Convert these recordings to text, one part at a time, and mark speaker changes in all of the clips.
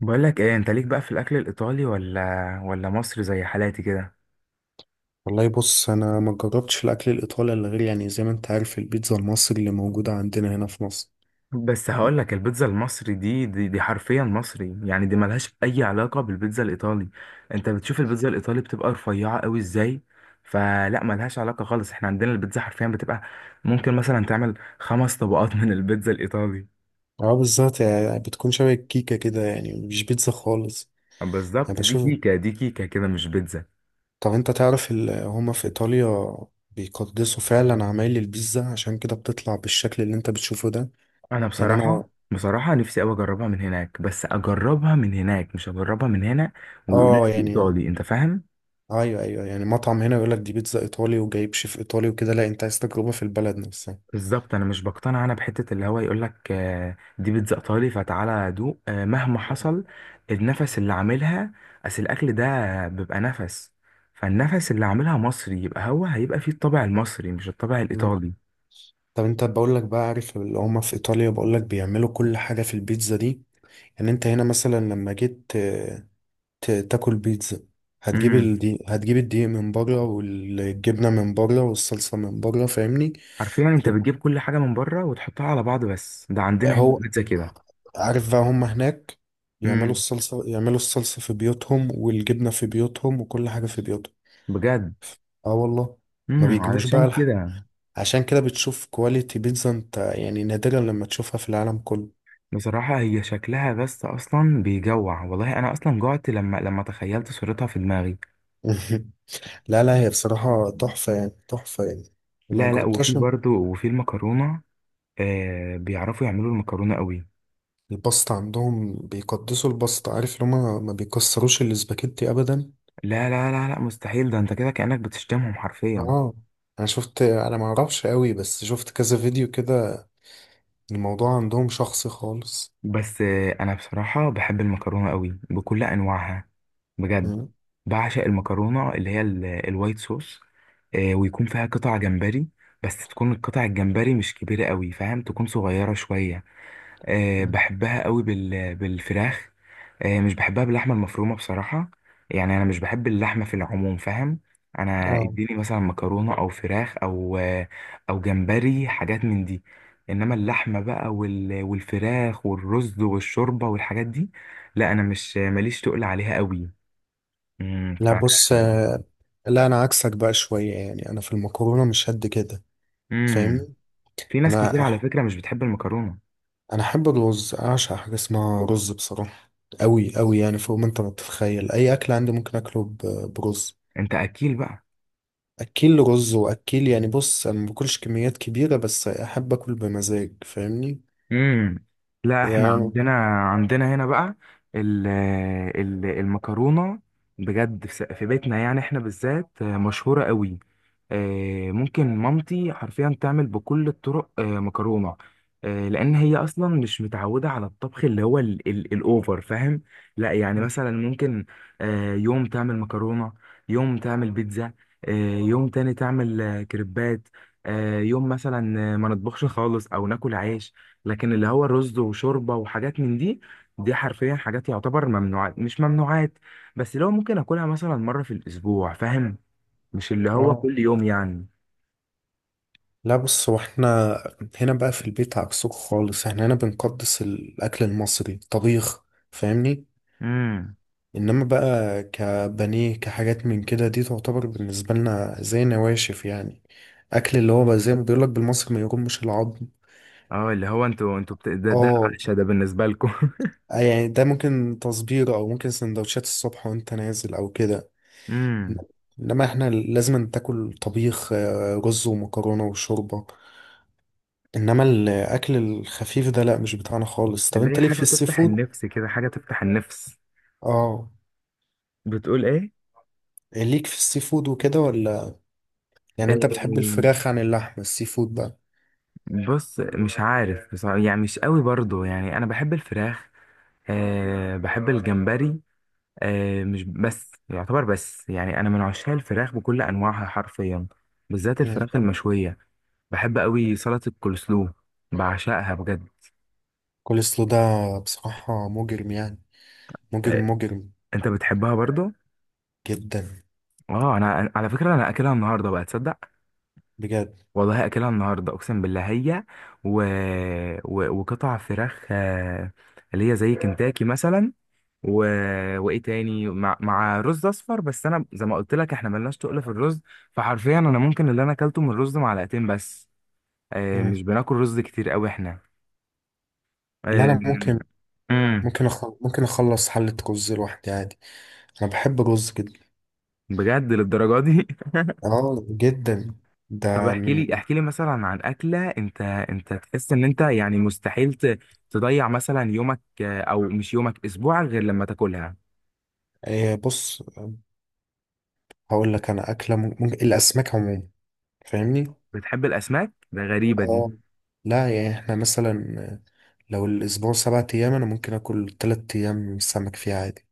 Speaker 1: بقول لك ايه، انت ليك بقى في الاكل الايطالي ولا مصري زي حالاتي كده؟
Speaker 2: والله بص، انا ما جربتش الاكل الايطالي الا غير يعني زي ما انت عارف البيتزا المصري اللي موجوده عندنا هنا في مصر.
Speaker 1: بس هقول لك البيتزا المصري دي حرفيا مصري، يعني دي ملهاش اي علاقه بالبيتزا الايطالي. انت بتشوف البيتزا الايطالي بتبقى رفيعه قوي ازاي؟ فلا ملهاش علاقه خالص، احنا عندنا البيتزا حرفيا بتبقى ممكن مثلا تعمل خمس طبقات من البيتزا الايطالي.
Speaker 2: اه، بالظبط يعني بتكون شبه الكيكه كده، يعني مش بيتزا خالص. يعني
Speaker 1: بالظبط، دي
Speaker 2: بشوف.
Speaker 1: كيكه، دي كيكه كده مش بيتزا.
Speaker 2: طب انت تعرف هما في ايطاليا بيقدسوا فعلا عمايل البيتزا، عشان كده بتطلع بالشكل اللي انت بتشوفه ده.
Speaker 1: انا
Speaker 2: يعني انا،
Speaker 1: بصراحه نفسي قوي اجربها من هناك، بس اجربها من هناك مش اجربها من هنا، ويقولوا
Speaker 2: اه
Speaker 1: لي دي
Speaker 2: يعني
Speaker 1: ايطالي، انت فاهم.
Speaker 2: ايوه ايوه، يعني مطعم هنا يقول لك دي بيتزا ايطالي وجايب شيف ايطالي وكده، لا انت عايز تجربه في البلد نفسها.
Speaker 1: بالظبط، انا مش بقتنع. انا بحته اللي هو يقول لك دي بيتزا ايطالي، فتعالى دوق، مهما
Speaker 2: مم.
Speaker 1: حصل النفس اللي عاملها. اصل الاكل ده بيبقى نفس، فالنفس اللي عاملها مصري يبقى هو هيبقى فيه الطابع المصري مش الطابع
Speaker 2: مم.
Speaker 1: الايطالي.
Speaker 2: طب انت بقول لك بقى، عارف اللي هما في ايطاليا بقول لك بيعملوا كل حاجه في البيتزا دي. يعني انت هنا مثلا لما جيت تاكل بيتزا.
Speaker 1: امم.
Speaker 2: هتجيب الدقيق من بره والجبنه من بره والصلصه من بره، فاهمني؟
Speaker 1: عارفين، انت
Speaker 2: وتب-
Speaker 1: بتجيب كل حاجه من بره وتحطها على بعض، بس ده عندنا هنا
Speaker 2: هو
Speaker 1: البيتزا كده.
Speaker 2: عارف بقى هما هناك يعملوا
Speaker 1: امم.
Speaker 2: الصلصه يعملوا الصلصه في بيوتهم والجبنه في بيوتهم وكل حاجه في بيوتهم.
Speaker 1: بجد.
Speaker 2: اه والله، ما
Speaker 1: امم،
Speaker 2: بيجيبوش
Speaker 1: علشان
Speaker 2: بقى.
Speaker 1: كده.
Speaker 2: عشان كده بتشوف كواليتي بيتزا انت يعني نادرا لما تشوفها في العالم كله.
Speaker 1: بصراحه هي شكلها بس اصلا بيجوع، والله انا اصلا جوعت لما تخيلت صورتها في دماغي.
Speaker 2: لا لا، هي بصراحة تحفة يعني، تحفة يعني، لو
Speaker 1: لا لا، وفي
Speaker 2: مجربتهاش.
Speaker 1: برضو، وفي المكرونة. بيعرفوا يعملوا المكرونة قوي.
Speaker 2: الباستا عندهم بيقدسوا الباستا، عارف اللي هما ما بيكسروش الاسباجيتي أبدا.
Speaker 1: لا لا لا لا، مستحيل. ده انت كده كأنك بتشتمهم حرفيا.
Speaker 2: اه. أنا شفت، أنا معرفش قوي بس شفت كذا فيديو كده. الموضوع عندهم شخصي خالص.
Speaker 1: بس انا بصراحة بحب المكرونة قوي بكل انواعها. بجد.
Speaker 2: مم.
Speaker 1: بعشق المكرونة اللي هي الوايت صوص. ويكون فيها قطع جمبري، بس تكون القطع الجمبري مش كبيرة قوي، فاهم، تكون صغيرة شوية. بحبها قوي بالفراخ. مش بحبها باللحمه المفرومه بصراحه. يعني انا مش بحب اللحمه في العموم، فاهم. انا
Speaker 2: اه،
Speaker 1: اديني مثلا مكرونه او فراخ او او جمبري، حاجات من دي. انما اللحمه بقى والفراخ والرز والشوربه والحاجات دي، لا انا مش ماليش تقل عليها قوي.
Speaker 2: لا
Speaker 1: ف
Speaker 2: بص، لا أنا عكسك بقى شوية، يعني أنا في المكرونة مش قد كده،
Speaker 1: امم.
Speaker 2: فاهمني؟
Speaker 1: في ناس
Speaker 2: أنا
Speaker 1: كتير على فكره مش بتحب المكرونه.
Speaker 2: انا احب الرز، اعشق حاجه اسمها رز بصراحه، قوي قوي يعني فوق ما انت ما تتخيل. اي اكل عندي ممكن اكله برز.
Speaker 1: انت اكيل بقى؟
Speaker 2: اكل رز واكل، يعني بص، انا ما باكلش كميات كبيره، بس احب اكل بمزاج، فاهمني
Speaker 1: امم. لا احنا
Speaker 2: يعني.
Speaker 1: عندنا هنا بقى ال- المكرونه، بجد في بيتنا يعني احنا بالذات مشهوره قوي. ممكن مامتي حرفيا تعمل بكل الطرق مكرونة. لأن هي أصلا مش متعودة على الطبخ اللي هو ال الأوفر، فاهم؟ لا يعني مثلا ممكن يوم تعمل مكرونة، يوم تعمل بيتزا، آه، يوم تاني تعمل كريبات، يوم مثلا ما نطبخش خالص أو ناكل عيش. لكن اللي هو رز وشوربة وحاجات من دي، دي حرفيا حاجات يعتبر ممنوعات مش ممنوعات، بس لو ممكن أكلها مثلا مرة في الأسبوع، فاهم؟ مش اللي هو
Speaker 2: آه.
Speaker 1: كل يوم يعني.
Speaker 2: لا بص، هو احنا هنا بقى في البيت عكسكم خالص، احنا هنا بنقدس الاكل المصري الطبيخ، فاهمني؟
Speaker 1: امم.
Speaker 2: انما بقى كبانيه كحاجات من كده دي تعتبر بالنسبه لنا زي نواشف يعني، اكل اللي هو بقى زي ما بيقولك بالمصري ما يرمش العظم.
Speaker 1: اه، اللي هو انتوا ده
Speaker 2: اه
Speaker 1: العشاء ده بالنسبة لكم.
Speaker 2: يعني ده ممكن تصبير او ممكن سندوتشات الصبح وانت نازل او كده.
Speaker 1: امم.
Speaker 2: انما احنا لازم تاكل طبيخ، رز ومكرونه وشوربه. انما الاكل الخفيف ده لا، مش بتاعنا خالص. طب
Speaker 1: اللي هي
Speaker 2: انت ليك في
Speaker 1: حاجة
Speaker 2: السي
Speaker 1: تفتح
Speaker 2: فود؟
Speaker 1: النفس كده، حاجة تفتح النفس.
Speaker 2: اه،
Speaker 1: بتقول ايه؟
Speaker 2: ليك في السي فود وكده ولا؟ يعني
Speaker 1: آه،
Speaker 2: انت بتحب الفراخ عن اللحم السي فود بقى؟
Speaker 1: بص، مش عارف بصراحة، يعني مش قوي برضو. يعني انا بحب الفراخ، بحب الجمبري. مش بس يعتبر بس، يعني انا من عشاق الفراخ بكل انواعها حرفيا، بالذات الفراخ المشوية. بحب قوي سلطة الكولسلو، بعشقها بجد.
Speaker 2: كل سلو ده بصراحة مجرم يعني، مجرم
Speaker 1: آه،
Speaker 2: مجرم،
Speaker 1: انت بتحبها برضو؟
Speaker 2: جدا
Speaker 1: اه، انا على فكره انا اكلها النهارده بقى، تصدق؟
Speaker 2: بجد.
Speaker 1: والله اكلها النهارده، اقسم بالله. هي و... وقطع فراخ، اللي هي زي كنتاكي مثلا، و... وايه تاني مع رز اصفر، بس انا زي ما قلت لك احنا ملناش تقل في الرز. فحرفيا انا ممكن اللي انا اكلته من الرز معلقتين بس.
Speaker 2: مم.
Speaker 1: مش بناكل رز كتير قوي احنا.
Speaker 2: اللي
Speaker 1: آه،
Speaker 2: أنا ممكن
Speaker 1: امم.
Speaker 2: ممكن أخلص ممكن أخلص حلة رز لوحدي عادي. أنا بحب الرز جدا،
Speaker 1: بجد للدرجه دي؟
Speaker 2: جدا.
Speaker 1: طب
Speaker 2: ده
Speaker 1: احكي لي،
Speaker 2: من
Speaker 1: احكي لي مثلا عن اكله انت تحس ان انت يعني مستحيل تضيع مثلا يومك، او مش يومك، اسبوعك، غير لما تاكلها.
Speaker 2: إيه بص، هقول لك أنا أكلة ممكن الأسماك عموما، فاهمني؟
Speaker 1: بتحب الاسماك؟ ده غريبه دي.
Speaker 2: آه، لا يعني إحنا مثلا لو الأسبوع 7 أيام أنا ممكن آكل 3 أيام سمك فيه عادي.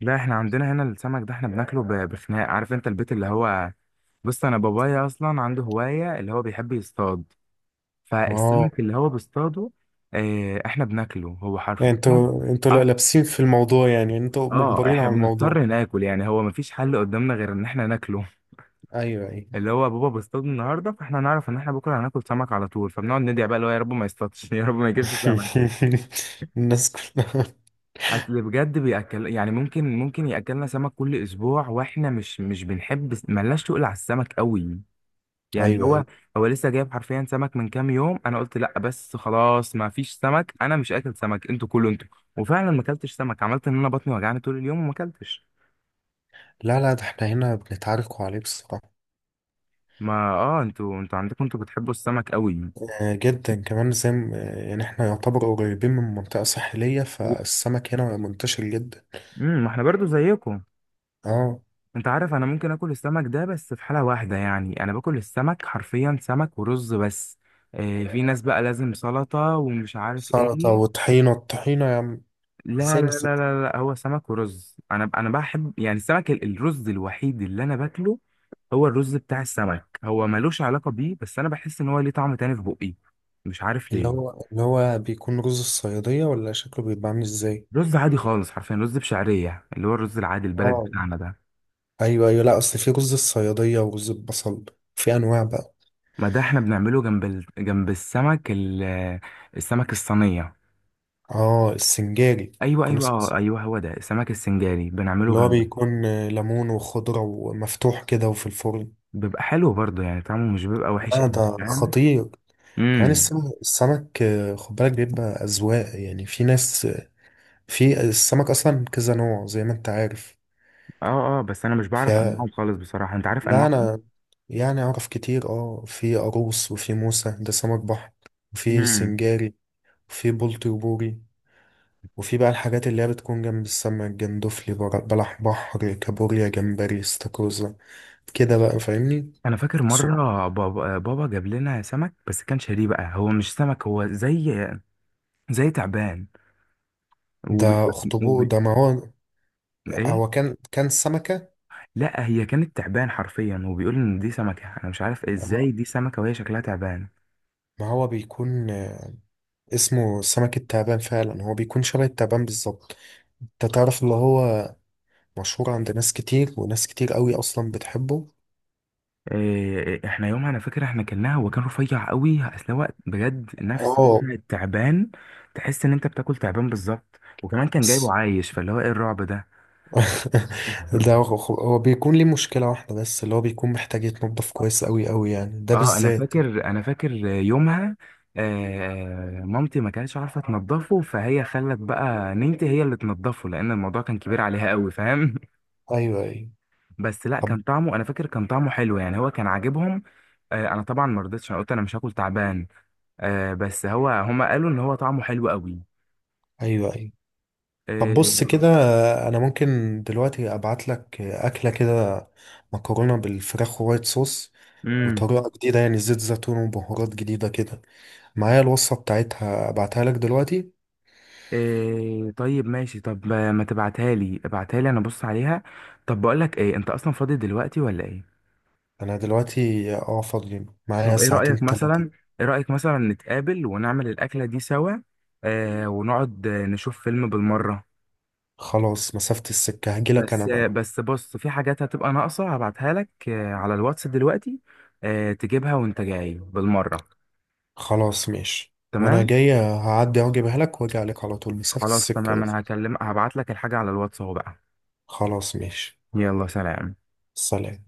Speaker 1: لا احنا عندنا هنا السمك ده احنا بناكله ب- بخناق، عارف؟ انت البيت اللي هو، بص، انا بابايا اصلا عنده هوايه اللي هو بيحب يصطاد،
Speaker 2: آه
Speaker 1: فالسمك اللي هو بيصطاده احنا بناكله هو
Speaker 2: يعني
Speaker 1: حرفيا.
Speaker 2: انتوا
Speaker 1: أك-
Speaker 2: لابسين في الموضوع، يعني انتوا
Speaker 1: اه،
Speaker 2: مجبرين
Speaker 1: احنا
Speaker 2: على الموضوع.
Speaker 1: بنضطر ناكل، يعني هو مفيش حل قدامنا غير ان احنا ناكله.
Speaker 2: ايوه ايوه.
Speaker 1: اللي هو بابا بيصطاد النهارده فاحنا هنعرف ان احنا بكره هناكل سمك على طول، فبنقعد ندعي بقى اللي هو يا رب ما يصطادش، يا رب ما يجيبش سمك.
Speaker 2: الناس كلها
Speaker 1: اصل بجد بياكل، يعني ممكن ياكلنا سمك كل اسبوع، واحنا مش بنحب، ملناش تقول على السمك قوي. يعني
Speaker 2: ايوه
Speaker 1: هو
Speaker 2: ايوه.
Speaker 1: هو لسه جايب حرفيا سمك من كام يوم. انا قلت لا بس خلاص، ما فيش سمك، انا مش اكل سمك، انتوا كلوا انتوا. وفعلا ما اكلتش سمك. عملت ان انا بطني وجعني طول اليوم وما اكلتش.
Speaker 2: لا لا، ده احنا هنا بنتعاركوا عليه بصراحة.
Speaker 1: ما اه، انتوا عندكم، انتوا بتحبوا السمك قوي.
Speaker 2: آه، جدا كمان، زي يعني احنا يعتبر قريبين من منطقة ساحلية، فالسمك هنا منتشر جدا.
Speaker 1: امم، ما احنا برضو زيكم.
Speaker 2: اه،
Speaker 1: انت عارف، انا ممكن اكل السمك ده بس في حالة واحدة، يعني انا باكل السمك حرفيا سمك ورز بس. في ناس بقى لازم سلطة ومش عارف
Speaker 2: سلطة
Speaker 1: ايه.
Speaker 2: وطحينة، الطحينة يا عم.
Speaker 1: لا
Speaker 2: ازاي
Speaker 1: لا لا
Speaker 2: نسيت؟
Speaker 1: لا لا، هو سمك ورز. انا بحب يعني السمك الرز الوحيد اللي انا باكله هو الرز بتاع السمك. هو ملوش علاقة بيه، بس انا بحس ان هو ليه طعم تاني في بقي، مش عارف ليه.
Speaker 2: اللي هو بيكون رز الصيادية ولا شكله بيبقى عامل ازاي؟
Speaker 1: رز عادي خالص، حرفيا رز بشعرية، اللي هو الرز العادي البلد
Speaker 2: اه
Speaker 1: بتاعنا ده.
Speaker 2: ايوه ايوه، لا اصل في رز الصيادية ورز البصل، في انواع بقى.
Speaker 1: ما ده احنا بنعمله جنب السمك، السمك الصينية.
Speaker 2: اه السنجاري
Speaker 1: ايوه
Speaker 2: كنا
Speaker 1: ايوه،
Speaker 2: اسمه،
Speaker 1: اه، ايوه، هو ده السمك السنجاري بنعمله
Speaker 2: اللي هو
Speaker 1: جنبه.
Speaker 2: بيكون ليمون وخضرة ومفتوح كده وفي الفرن.
Speaker 1: بيبقى حلو برضه، يعني طعمه مش بيبقى وحش
Speaker 2: لا
Speaker 1: قوي،
Speaker 2: ده
Speaker 1: فاهم.
Speaker 2: خطير. كمان
Speaker 1: امم.
Speaker 2: السمك السمك، خد بالك بيبقى أذواق، يعني في ناس، في السمك أصلا كذا نوع زي ما أنت عارف.
Speaker 1: اه اه، بس انا مش
Speaker 2: ف
Speaker 1: بعرف انواعه خالص بصراحه، انت عارف
Speaker 2: لا
Speaker 1: انواعه؟
Speaker 2: أنا يعني أعرف كتير، أه، في قاروص وفي موسى، ده سمك بحر، وفي
Speaker 1: امم.
Speaker 2: سنجاري وفي بلطي وبوري، وفي بقى الحاجات اللي هي بتكون جنب السمك: جندفلي، بلح بحر، كابوريا، جمبري، استاكوزا، كده بقى، فاهمني؟
Speaker 1: انا فاكر مره بابا جاب لنا سمك، بس كان شاريه بقى هو مش سمك، هو زي تعبان.
Speaker 2: ده
Speaker 1: وبي...
Speaker 2: اخطبوط،
Speaker 1: وبي...
Speaker 2: ده ما هو
Speaker 1: ايه.
Speaker 2: هو كان سمكة.
Speaker 1: لا هي كانت تعبان حرفيا، وبيقول ان دي سمكه، انا مش عارف
Speaker 2: آه،
Speaker 1: ازاي دي سمكه وهي شكلها تعبان.
Speaker 2: ما هو بيكون اسمه سمك التعبان فعلا، هو بيكون شبه التعبان بالظبط. انت تعرف اللي هو مشهور عند ناس كتير، وناس كتير قوي اصلا بتحبه.
Speaker 1: إيه، احنا يومها انا فاكر احنا كلناها، هو كان رفيع قوي، اصل هو بجد نفس
Speaker 2: اه
Speaker 1: وزن التعبان، تحس ان انت بتاكل تعبان بالظبط، وكمان كان جايبه
Speaker 2: بس.
Speaker 1: عايش، فاللي هو ايه الرعب ده.
Speaker 2: ده هو بيكون ليه مشكلة واحدة بس، اللي هو بيكون محتاج يتنضف كويس قوي قوي يعني، ده
Speaker 1: اه، انا
Speaker 2: بالذات.
Speaker 1: فاكر انا فاكر يومها. مامتي ما كانتش عارفه تنضفه، فهي خلت بقى نينتي هي اللي تنضفه، لان الموضوع كان كبير عليها قوي، فاهم.
Speaker 2: ايوه ايوه.
Speaker 1: بس لا،
Speaker 2: طب.
Speaker 1: كان طعمه انا فاكر كان طعمه حلو، يعني هو كان عاجبهم. انا طبعا ما رضيتش، انا قلت انا مش هاكل تعبان. بس هو هما قالوا ان هو طعمه حلو قوي.
Speaker 2: ايوه ايوه. طب
Speaker 1: إيه.
Speaker 2: بص كده، انا ممكن دلوقتي ابعت لك اكله كده، مكرونه بالفراخ وايت صوص،
Speaker 1: امم.
Speaker 2: وطريقه جديده يعني زيت زيتون وبهارات جديده كده. معايا الوصفه بتاعتها، ابعتها لك دلوقتي.
Speaker 1: إيه، طيب ماشي. طب ما تبعتها لي، ابعتها لي انا ابص عليها. طب بقول لك ايه، انت اصلا فاضي دلوقتي ولا ايه؟
Speaker 2: انا دلوقتي اه فاضي، معايا
Speaker 1: طب ايه رأيك
Speaker 2: ساعتين تلاتة.
Speaker 1: مثلا ايه رأيك مثلا نتقابل ونعمل الاكلة دي سوا؟ ونقعد نشوف فيلم بالمرة.
Speaker 2: خلاص، مسافه السكه، هجيلك
Speaker 1: بس
Speaker 2: انا
Speaker 1: آه
Speaker 2: بقى.
Speaker 1: بس بص، في حاجات هتبقى ناقصة، هبعتها لك على الواتس دلوقتي. تجيبها وانت جاي بالمرة.
Speaker 2: خلاص ماشي، وانا
Speaker 1: تمام،
Speaker 2: جاي هعدي اجيبها لك واجي عليك على طول، مسافه
Speaker 1: خلاص تمام.
Speaker 2: السكه بس.
Speaker 1: انا هبعت لك الحاجة على الواتس اهو بقى.
Speaker 2: خلاص ماشي.
Speaker 1: يلا، سلام.
Speaker 2: سلام.